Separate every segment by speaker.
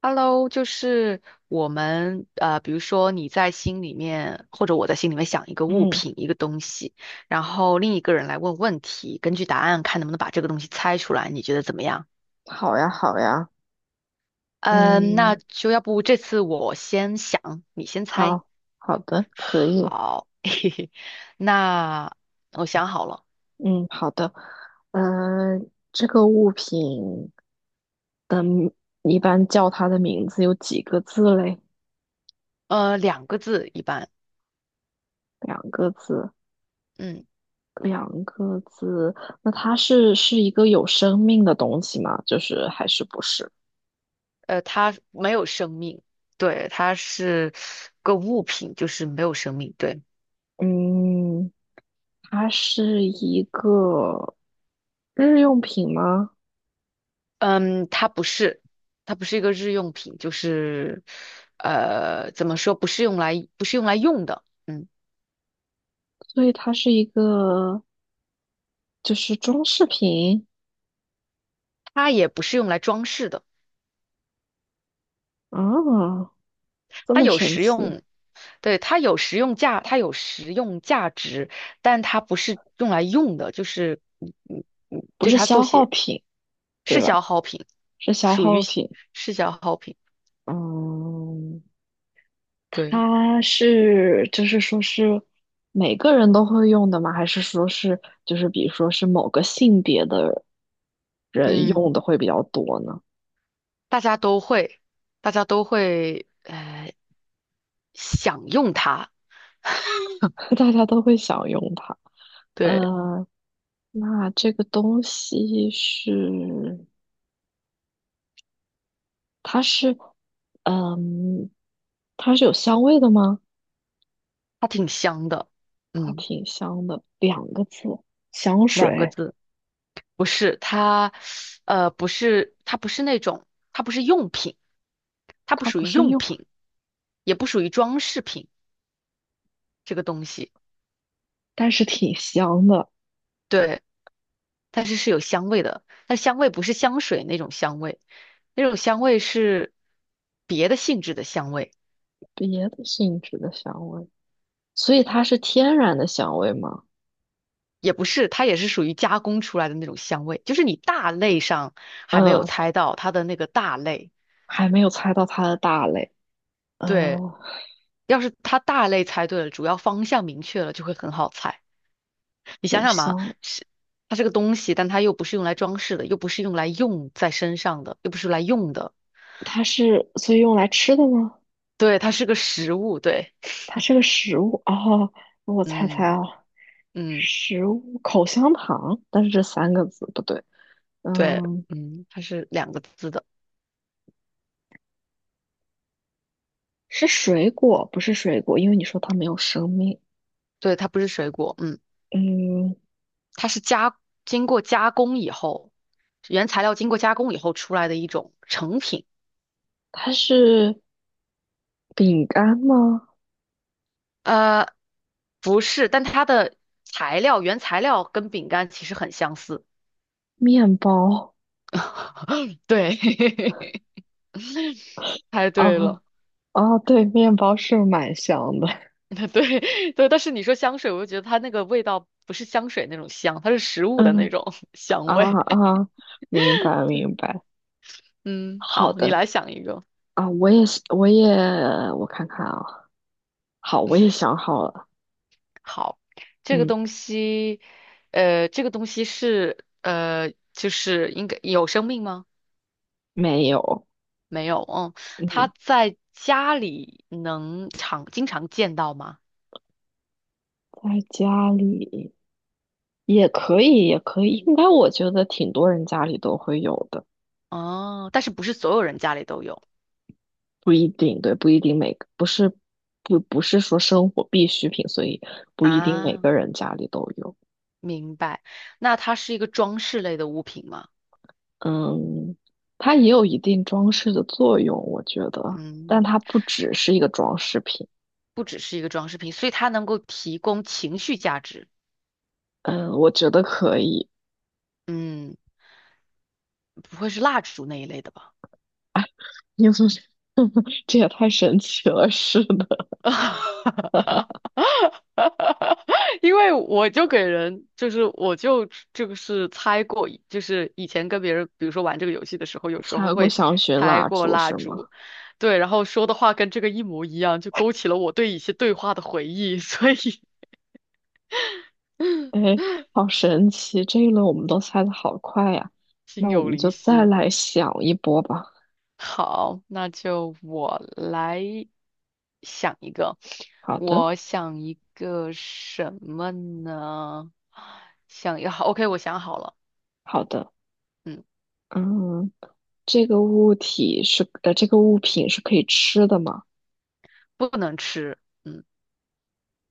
Speaker 1: Hello，就是我们比如说你在心里面，或者我在心里面想一个物
Speaker 2: 嗯，
Speaker 1: 品、一个东西，然后另一个人来问问题，根据答案看能不能把这个东西猜出来，你觉得怎么样？
Speaker 2: 好呀，好呀。
Speaker 1: 嗯，那
Speaker 2: 嗯。
Speaker 1: 就要不这次我先想，你先猜。
Speaker 2: 好。好的，可以。
Speaker 1: 好，嘿嘿，那我想好了，
Speaker 2: 嗯。好的。呃，这个物品一般叫它的名字有几个字嘞？
Speaker 1: 呃，两个字一般，
Speaker 2: 两个字。
Speaker 1: 嗯，
Speaker 2: 两个字。那它是一个有生命的东西吗？就是还是不是？
Speaker 1: 呃，它没有生命，对，它是个物品，就是没有生命，对。
Speaker 2: 嗯。它是一个日用品吗？
Speaker 1: 嗯，它不是，它不是一个日用品，就是，呃，怎么说，不是用来用的，嗯，
Speaker 2: 所以它是一个就是装饰品。
Speaker 1: 它也不是用来装饰的，
Speaker 2: 啊，这
Speaker 1: 它
Speaker 2: 么
Speaker 1: 有
Speaker 2: 神
Speaker 1: 实
Speaker 2: 奇。
Speaker 1: 用，对，它有实用价值，但它不是用来用的，
Speaker 2: 不
Speaker 1: 对
Speaker 2: 是
Speaker 1: 它做
Speaker 2: 消耗
Speaker 1: 些
Speaker 2: 品，对
Speaker 1: 是消
Speaker 2: 吧？
Speaker 1: 耗品，
Speaker 2: 是消
Speaker 1: 属
Speaker 2: 耗
Speaker 1: 于是
Speaker 2: 品。
Speaker 1: 是消耗品，
Speaker 2: 嗯。
Speaker 1: 对，
Speaker 2: 它是就是说是每个人都会用的吗？还是说是就是比如说是某个性别的人
Speaker 1: 嗯，
Speaker 2: 用的会比较多呢？
Speaker 1: 大家都会，大家都会享用它，
Speaker 2: 大家都会想用它。
Speaker 1: 对。
Speaker 2: 呃，那这个东西是嗯，它是有香味的吗？
Speaker 1: 它挺香的，
Speaker 2: 它
Speaker 1: 嗯，
Speaker 2: 挺香的，两个字，香
Speaker 1: 两个
Speaker 2: 水。
Speaker 1: 字，不是它，不是那种，它不是用品，它不
Speaker 2: 它
Speaker 1: 属
Speaker 2: 不
Speaker 1: 于
Speaker 2: 是
Speaker 1: 用
Speaker 2: 用。
Speaker 1: 品，也不属于装饰品这个东西，
Speaker 2: 但是挺香的。
Speaker 1: 对，但是是有香味的，但香味不是香水那种香味，那种香味是别的性质的香味，
Speaker 2: 别的性质的香味。所以它是天然的香味吗？
Speaker 1: 也不是，它也是属于加工出来的那种香味，就是你大类上还没有
Speaker 2: 嗯，
Speaker 1: 猜到它的那个大类，
Speaker 2: 还没有猜到它的大类。
Speaker 1: 对。
Speaker 2: 嗯，
Speaker 1: 要是它大类猜对了，主要方向明确了，就会很好猜。你想
Speaker 2: 有
Speaker 1: 想嘛，
Speaker 2: 香。
Speaker 1: 是它是个东西，但它又不是用来装饰的，又不是用来用在身上的，又不是来用的。
Speaker 2: 它是所以用来吃的吗？
Speaker 1: 对，它是个食物。对，
Speaker 2: 它是个食物哦。我猜猜
Speaker 1: 嗯
Speaker 2: 啊，
Speaker 1: 嗯，
Speaker 2: 食物口香糖，但是这三个字不对。
Speaker 1: 对，
Speaker 2: 嗯。
Speaker 1: 嗯，它是两个字的。
Speaker 2: 是水果，不是水果，因为你说它没有生命。
Speaker 1: 对，它不是水果。嗯，
Speaker 2: 嗯。
Speaker 1: 它是加经过加工以后，原材料经过加工以后出来的一种成品。
Speaker 2: 它是饼干吗？
Speaker 1: 呃，不是，但它的原材料跟饼干其实很相似。
Speaker 2: 面包。
Speaker 1: 对，猜
Speaker 2: 啊？
Speaker 1: 对
Speaker 2: 哦。
Speaker 1: 了，
Speaker 2: 哦，对，面包是蛮香的。
Speaker 1: 对对，但是你说香水，我就觉得它那个味道不是香水那种香，它是食物的那
Speaker 2: 嗯。
Speaker 1: 种 香
Speaker 2: 啊。
Speaker 1: 味。
Speaker 2: 啊，明白明
Speaker 1: 对，
Speaker 2: 白。
Speaker 1: 嗯，
Speaker 2: 好
Speaker 1: 好，你
Speaker 2: 的。
Speaker 1: 来想一个。
Speaker 2: 啊，我也是我也我看看啊。好，我也想好了。
Speaker 1: 好，这个
Speaker 2: 嗯。
Speaker 1: 东西，就是应该有生命吗？
Speaker 2: 没有。
Speaker 1: 没有，嗯，
Speaker 2: 嗯。
Speaker 1: 它在家里能经常见到吗？
Speaker 2: 在家里也可以，也可以。应该我觉得挺多人家里都会有的。
Speaker 1: 哦，但是不是所有人家里都有
Speaker 2: 不一定，对，不一定每个不是说生活必需品，所以不一定每
Speaker 1: 啊？
Speaker 2: 个人家里都有。
Speaker 1: 明白。那它是一个装饰类的物品吗？
Speaker 2: 嗯。它也有一定装饰的作用，我觉得。但
Speaker 1: 嗯。
Speaker 2: 它不只是一个装饰品。
Speaker 1: 不只是一个装饰品，所以它能够提供情绪价值。
Speaker 2: 嗯，我觉得可以。
Speaker 1: 嗯，不会是蜡烛那一类的吧？
Speaker 2: 因为 这也太神奇了，是的。
Speaker 1: 因为我就给人，就是我就这个是猜过，就是以前跟别人，比如说玩这个游戏的时候，有时候
Speaker 2: 猜过
Speaker 1: 会
Speaker 2: 香薰
Speaker 1: 猜
Speaker 2: 蜡
Speaker 1: 过
Speaker 2: 烛
Speaker 1: 蜡
Speaker 2: 是吗？
Speaker 1: 烛，对，然后说的话跟这个一模一样，就勾起了我对一些对话的回忆，所以
Speaker 2: 哎，好神奇！这一轮我们都猜的好快呀。
Speaker 1: 心
Speaker 2: 那我
Speaker 1: 有
Speaker 2: 们
Speaker 1: 灵
Speaker 2: 就再
Speaker 1: 犀。
Speaker 2: 来想一波吧。
Speaker 1: 好，那就我来想一个，
Speaker 2: 好的，
Speaker 1: 我想一个什么呢？想要，OK，我想好了，
Speaker 2: 好的。
Speaker 1: 嗯，
Speaker 2: 嗯，这个物体是，呃，这个物品是可以吃的吗？
Speaker 1: 不能吃，嗯，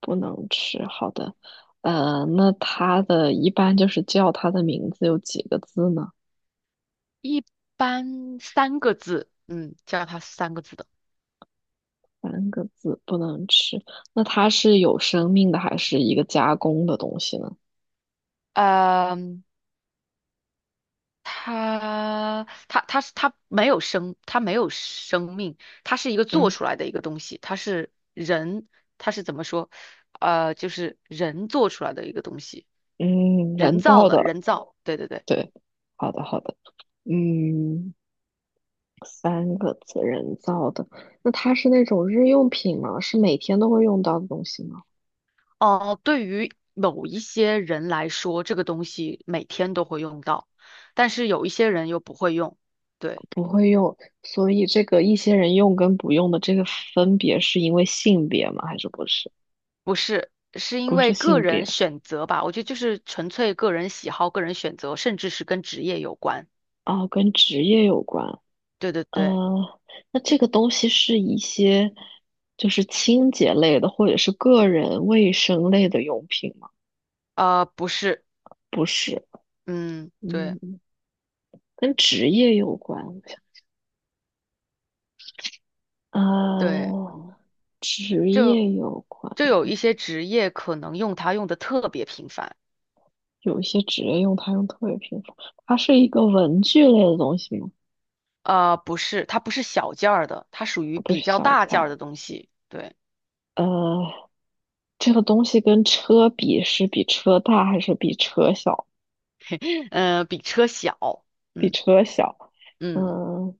Speaker 2: 不能吃，好的。那一般就是叫它的名字有几个字呢？
Speaker 1: 一般三个字，嗯，叫它三个字的，
Speaker 2: 三个字，不能吃。那它是有生命的，还是一个加工的东西呢？
Speaker 1: 呃它它它是它没有生，它没有生命，它是一个做
Speaker 2: 嗯。
Speaker 1: 出来的一个东西，它是人，它是怎么说？呃，就是人做出来的一个东西，
Speaker 2: 嗯。
Speaker 1: 人
Speaker 2: 人
Speaker 1: 造
Speaker 2: 造
Speaker 1: 的，
Speaker 2: 的，
Speaker 1: 对。
Speaker 2: 对。好的好的。嗯，三个字，人造的。那它是那种日用品吗？是每天都会用到的东西吗？
Speaker 1: 哦、对于某一些人来说，这个东西每天都会用到，但是有一些人又不会用，对，
Speaker 2: 不会用。所以这个一些人用跟不用的这个分别是因为性别吗？还是不是？
Speaker 1: 不是。是因为个人选择吧，我觉得就是纯粹个人喜好、个人选择，甚至是跟职业有关。
Speaker 2: 哦，跟职业有关。
Speaker 1: 对。
Speaker 2: 呃，那这个东西是一些就是清洁类的，或者是个人卫生类的用品吗？
Speaker 1: 呃，不是，
Speaker 2: 不是。
Speaker 1: 嗯，对
Speaker 2: 嗯，跟职业有关。我想
Speaker 1: 对，嗯，
Speaker 2: 呃，职
Speaker 1: 就
Speaker 2: 业有关。
Speaker 1: 就有一些职业可能用它用的特别频繁，
Speaker 2: 有一些职业用它用特别频繁。它是一个文具类的东西吗？
Speaker 1: 呃，不是，它不是小件儿的，它属于
Speaker 2: 不
Speaker 1: 比
Speaker 2: 是
Speaker 1: 较
Speaker 2: 小
Speaker 1: 大
Speaker 2: 件
Speaker 1: 件儿
Speaker 2: 儿。
Speaker 1: 的东西，对，
Speaker 2: 呃，这个东西跟车比，是比车大还是比车小？
Speaker 1: 呃，比车小，
Speaker 2: 比
Speaker 1: 嗯
Speaker 2: 车小。
Speaker 1: 嗯，
Speaker 2: 嗯、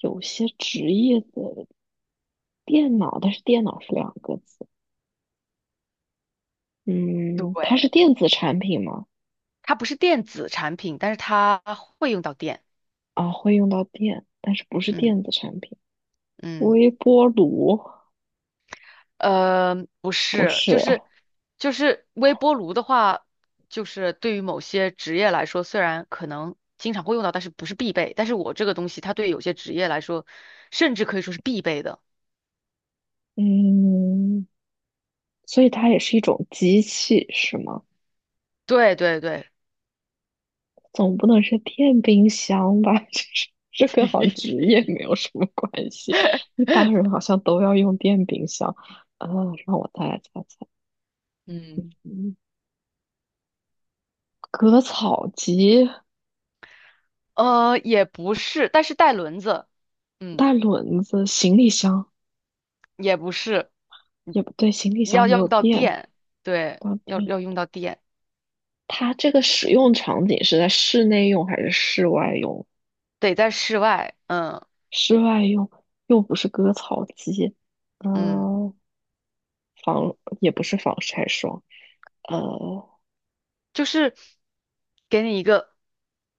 Speaker 2: 有些职业的电脑。但是电脑是两个字。
Speaker 1: 对，
Speaker 2: 嗯，它是电子产品吗？
Speaker 1: 它不是电子产品，但是它会用到电，
Speaker 2: 啊，会用到电，但是不是
Speaker 1: 嗯
Speaker 2: 电子产品？
Speaker 1: 嗯。
Speaker 2: 微波炉
Speaker 1: 呃，不
Speaker 2: 不
Speaker 1: 是，
Speaker 2: 是。
Speaker 1: 就是微波炉的话，就是对于某些职业来说，虽然可能经常会用到，但是不是必备。但是我这个东西，它对有些职业来说，甚至可以说是必备的。
Speaker 2: 嗯。所以它也是一种机器，是吗？
Speaker 1: 对，
Speaker 2: 总不能是电冰箱吧？这跟好像职 业没有什么关系。一般人好像都要用电冰箱。呃，让我再来猜猜。
Speaker 1: 嗯，
Speaker 2: 嗯，割草机、
Speaker 1: 呃，也不是，但是带轮子，嗯，
Speaker 2: 带轮子、行李箱。
Speaker 1: 也不是，
Speaker 2: 也不对，行李箱
Speaker 1: 要
Speaker 2: 没
Speaker 1: 要
Speaker 2: 有
Speaker 1: 用到
Speaker 2: 电。
Speaker 1: 电，对，
Speaker 2: 到
Speaker 1: 要
Speaker 2: 电。
Speaker 1: 要用到电，
Speaker 2: 它这个使用场景是在室内用还是室外用？
Speaker 1: 得在室外，嗯
Speaker 2: 室外用。又不是割草机。
Speaker 1: 嗯。
Speaker 2: 嗯。防也不是防晒霜。呃，
Speaker 1: 就是给你一个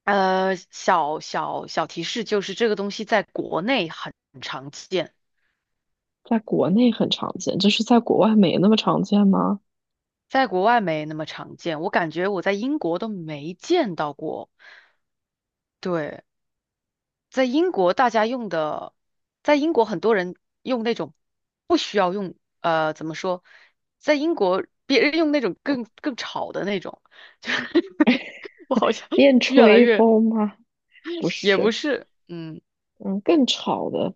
Speaker 1: 呃小提示，就是这个东西在国内很常见，
Speaker 2: 在国内很常见，就是在国外没那么常见吗？
Speaker 1: 在国外没那么常见。我感觉我在英国都没见到过。对，在英国大家用的，在英国很多人用那种不需要用呃怎么说，在英国别人用那种更吵的那种，就是我好像
Speaker 2: 电
Speaker 1: 越来
Speaker 2: 吹
Speaker 1: 越
Speaker 2: 风吗？不
Speaker 1: 也不
Speaker 2: 是。
Speaker 1: 是，嗯。
Speaker 2: 嗯，更吵的。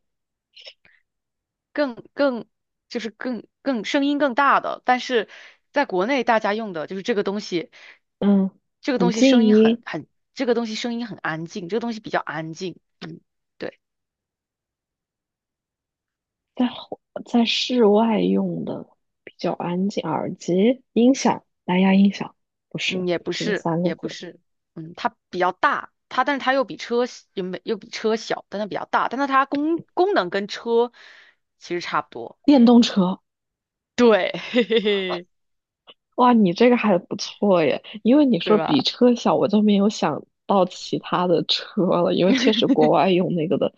Speaker 1: 更更就是更更声音更大的，但是在国内大家用的就是这个东西，
Speaker 2: 嗯，
Speaker 1: 这个
Speaker 2: 很
Speaker 1: 东西声
Speaker 2: 静
Speaker 1: 音很
Speaker 2: 音。
Speaker 1: 很，这个东西声音很安静，这个东西比较安静，嗯，对，
Speaker 2: 在户在室外用的比较安静，耳机、音响、蓝牙音响。不是。
Speaker 1: 嗯，也不
Speaker 2: 不是
Speaker 1: 是
Speaker 2: 三个
Speaker 1: 也不
Speaker 2: 字。
Speaker 1: 是，嗯，它比较大，它但是它又比车小又没又比车小，但它比较大，但是它功能跟车其实差不多，
Speaker 2: 电动车。
Speaker 1: 对，嘿嘿嘿，
Speaker 2: 哇，你这个还不错耶，因为你
Speaker 1: 对
Speaker 2: 说比
Speaker 1: 吧？
Speaker 2: 车小，我就没有想到其他的车了。因为确实 国外用那个的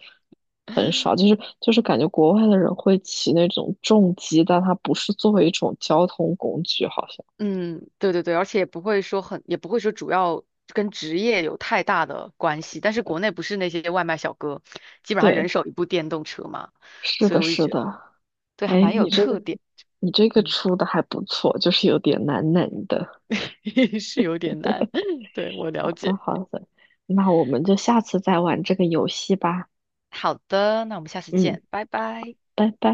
Speaker 2: 很少。就是感觉国外的人会骑那种重机，但它不是作为一种交通工具，好像。
Speaker 1: 嗯，对，而且也不会说很，也不会说主要跟职业有太大的关系。但是国内不是那些外卖小哥，基本上人
Speaker 2: 对，
Speaker 1: 手一部电动车嘛，
Speaker 2: 是
Speaker 1: 所以
Speaker 2: 的，
Speaker 1: 我就
Speaker 2: 是
Speaker 1: 觉
Speaker 2: 的。
Speaker 1: 得对，还
Speaker 2: 哎，
Speaker 1: 蛮有
Speaker 2: 你这个
Speaker 1: 特点。
Speaker 2: 你这个
Speaker 1: 嗯，
Speaker 2: 出的还不错，就是有点难的。
Speaker 1: 是有点难，对，我了
Speaker 2: 好的，
Speaker 1: 解。
Speaker 2: 好的。那我们就下次再玩这个游戏吧。
Speaker 1: 好的，那我们下次
Speaker 2: 嗯，
Speaker 1: 见，拜拜。
Speaker 2: 拜拜。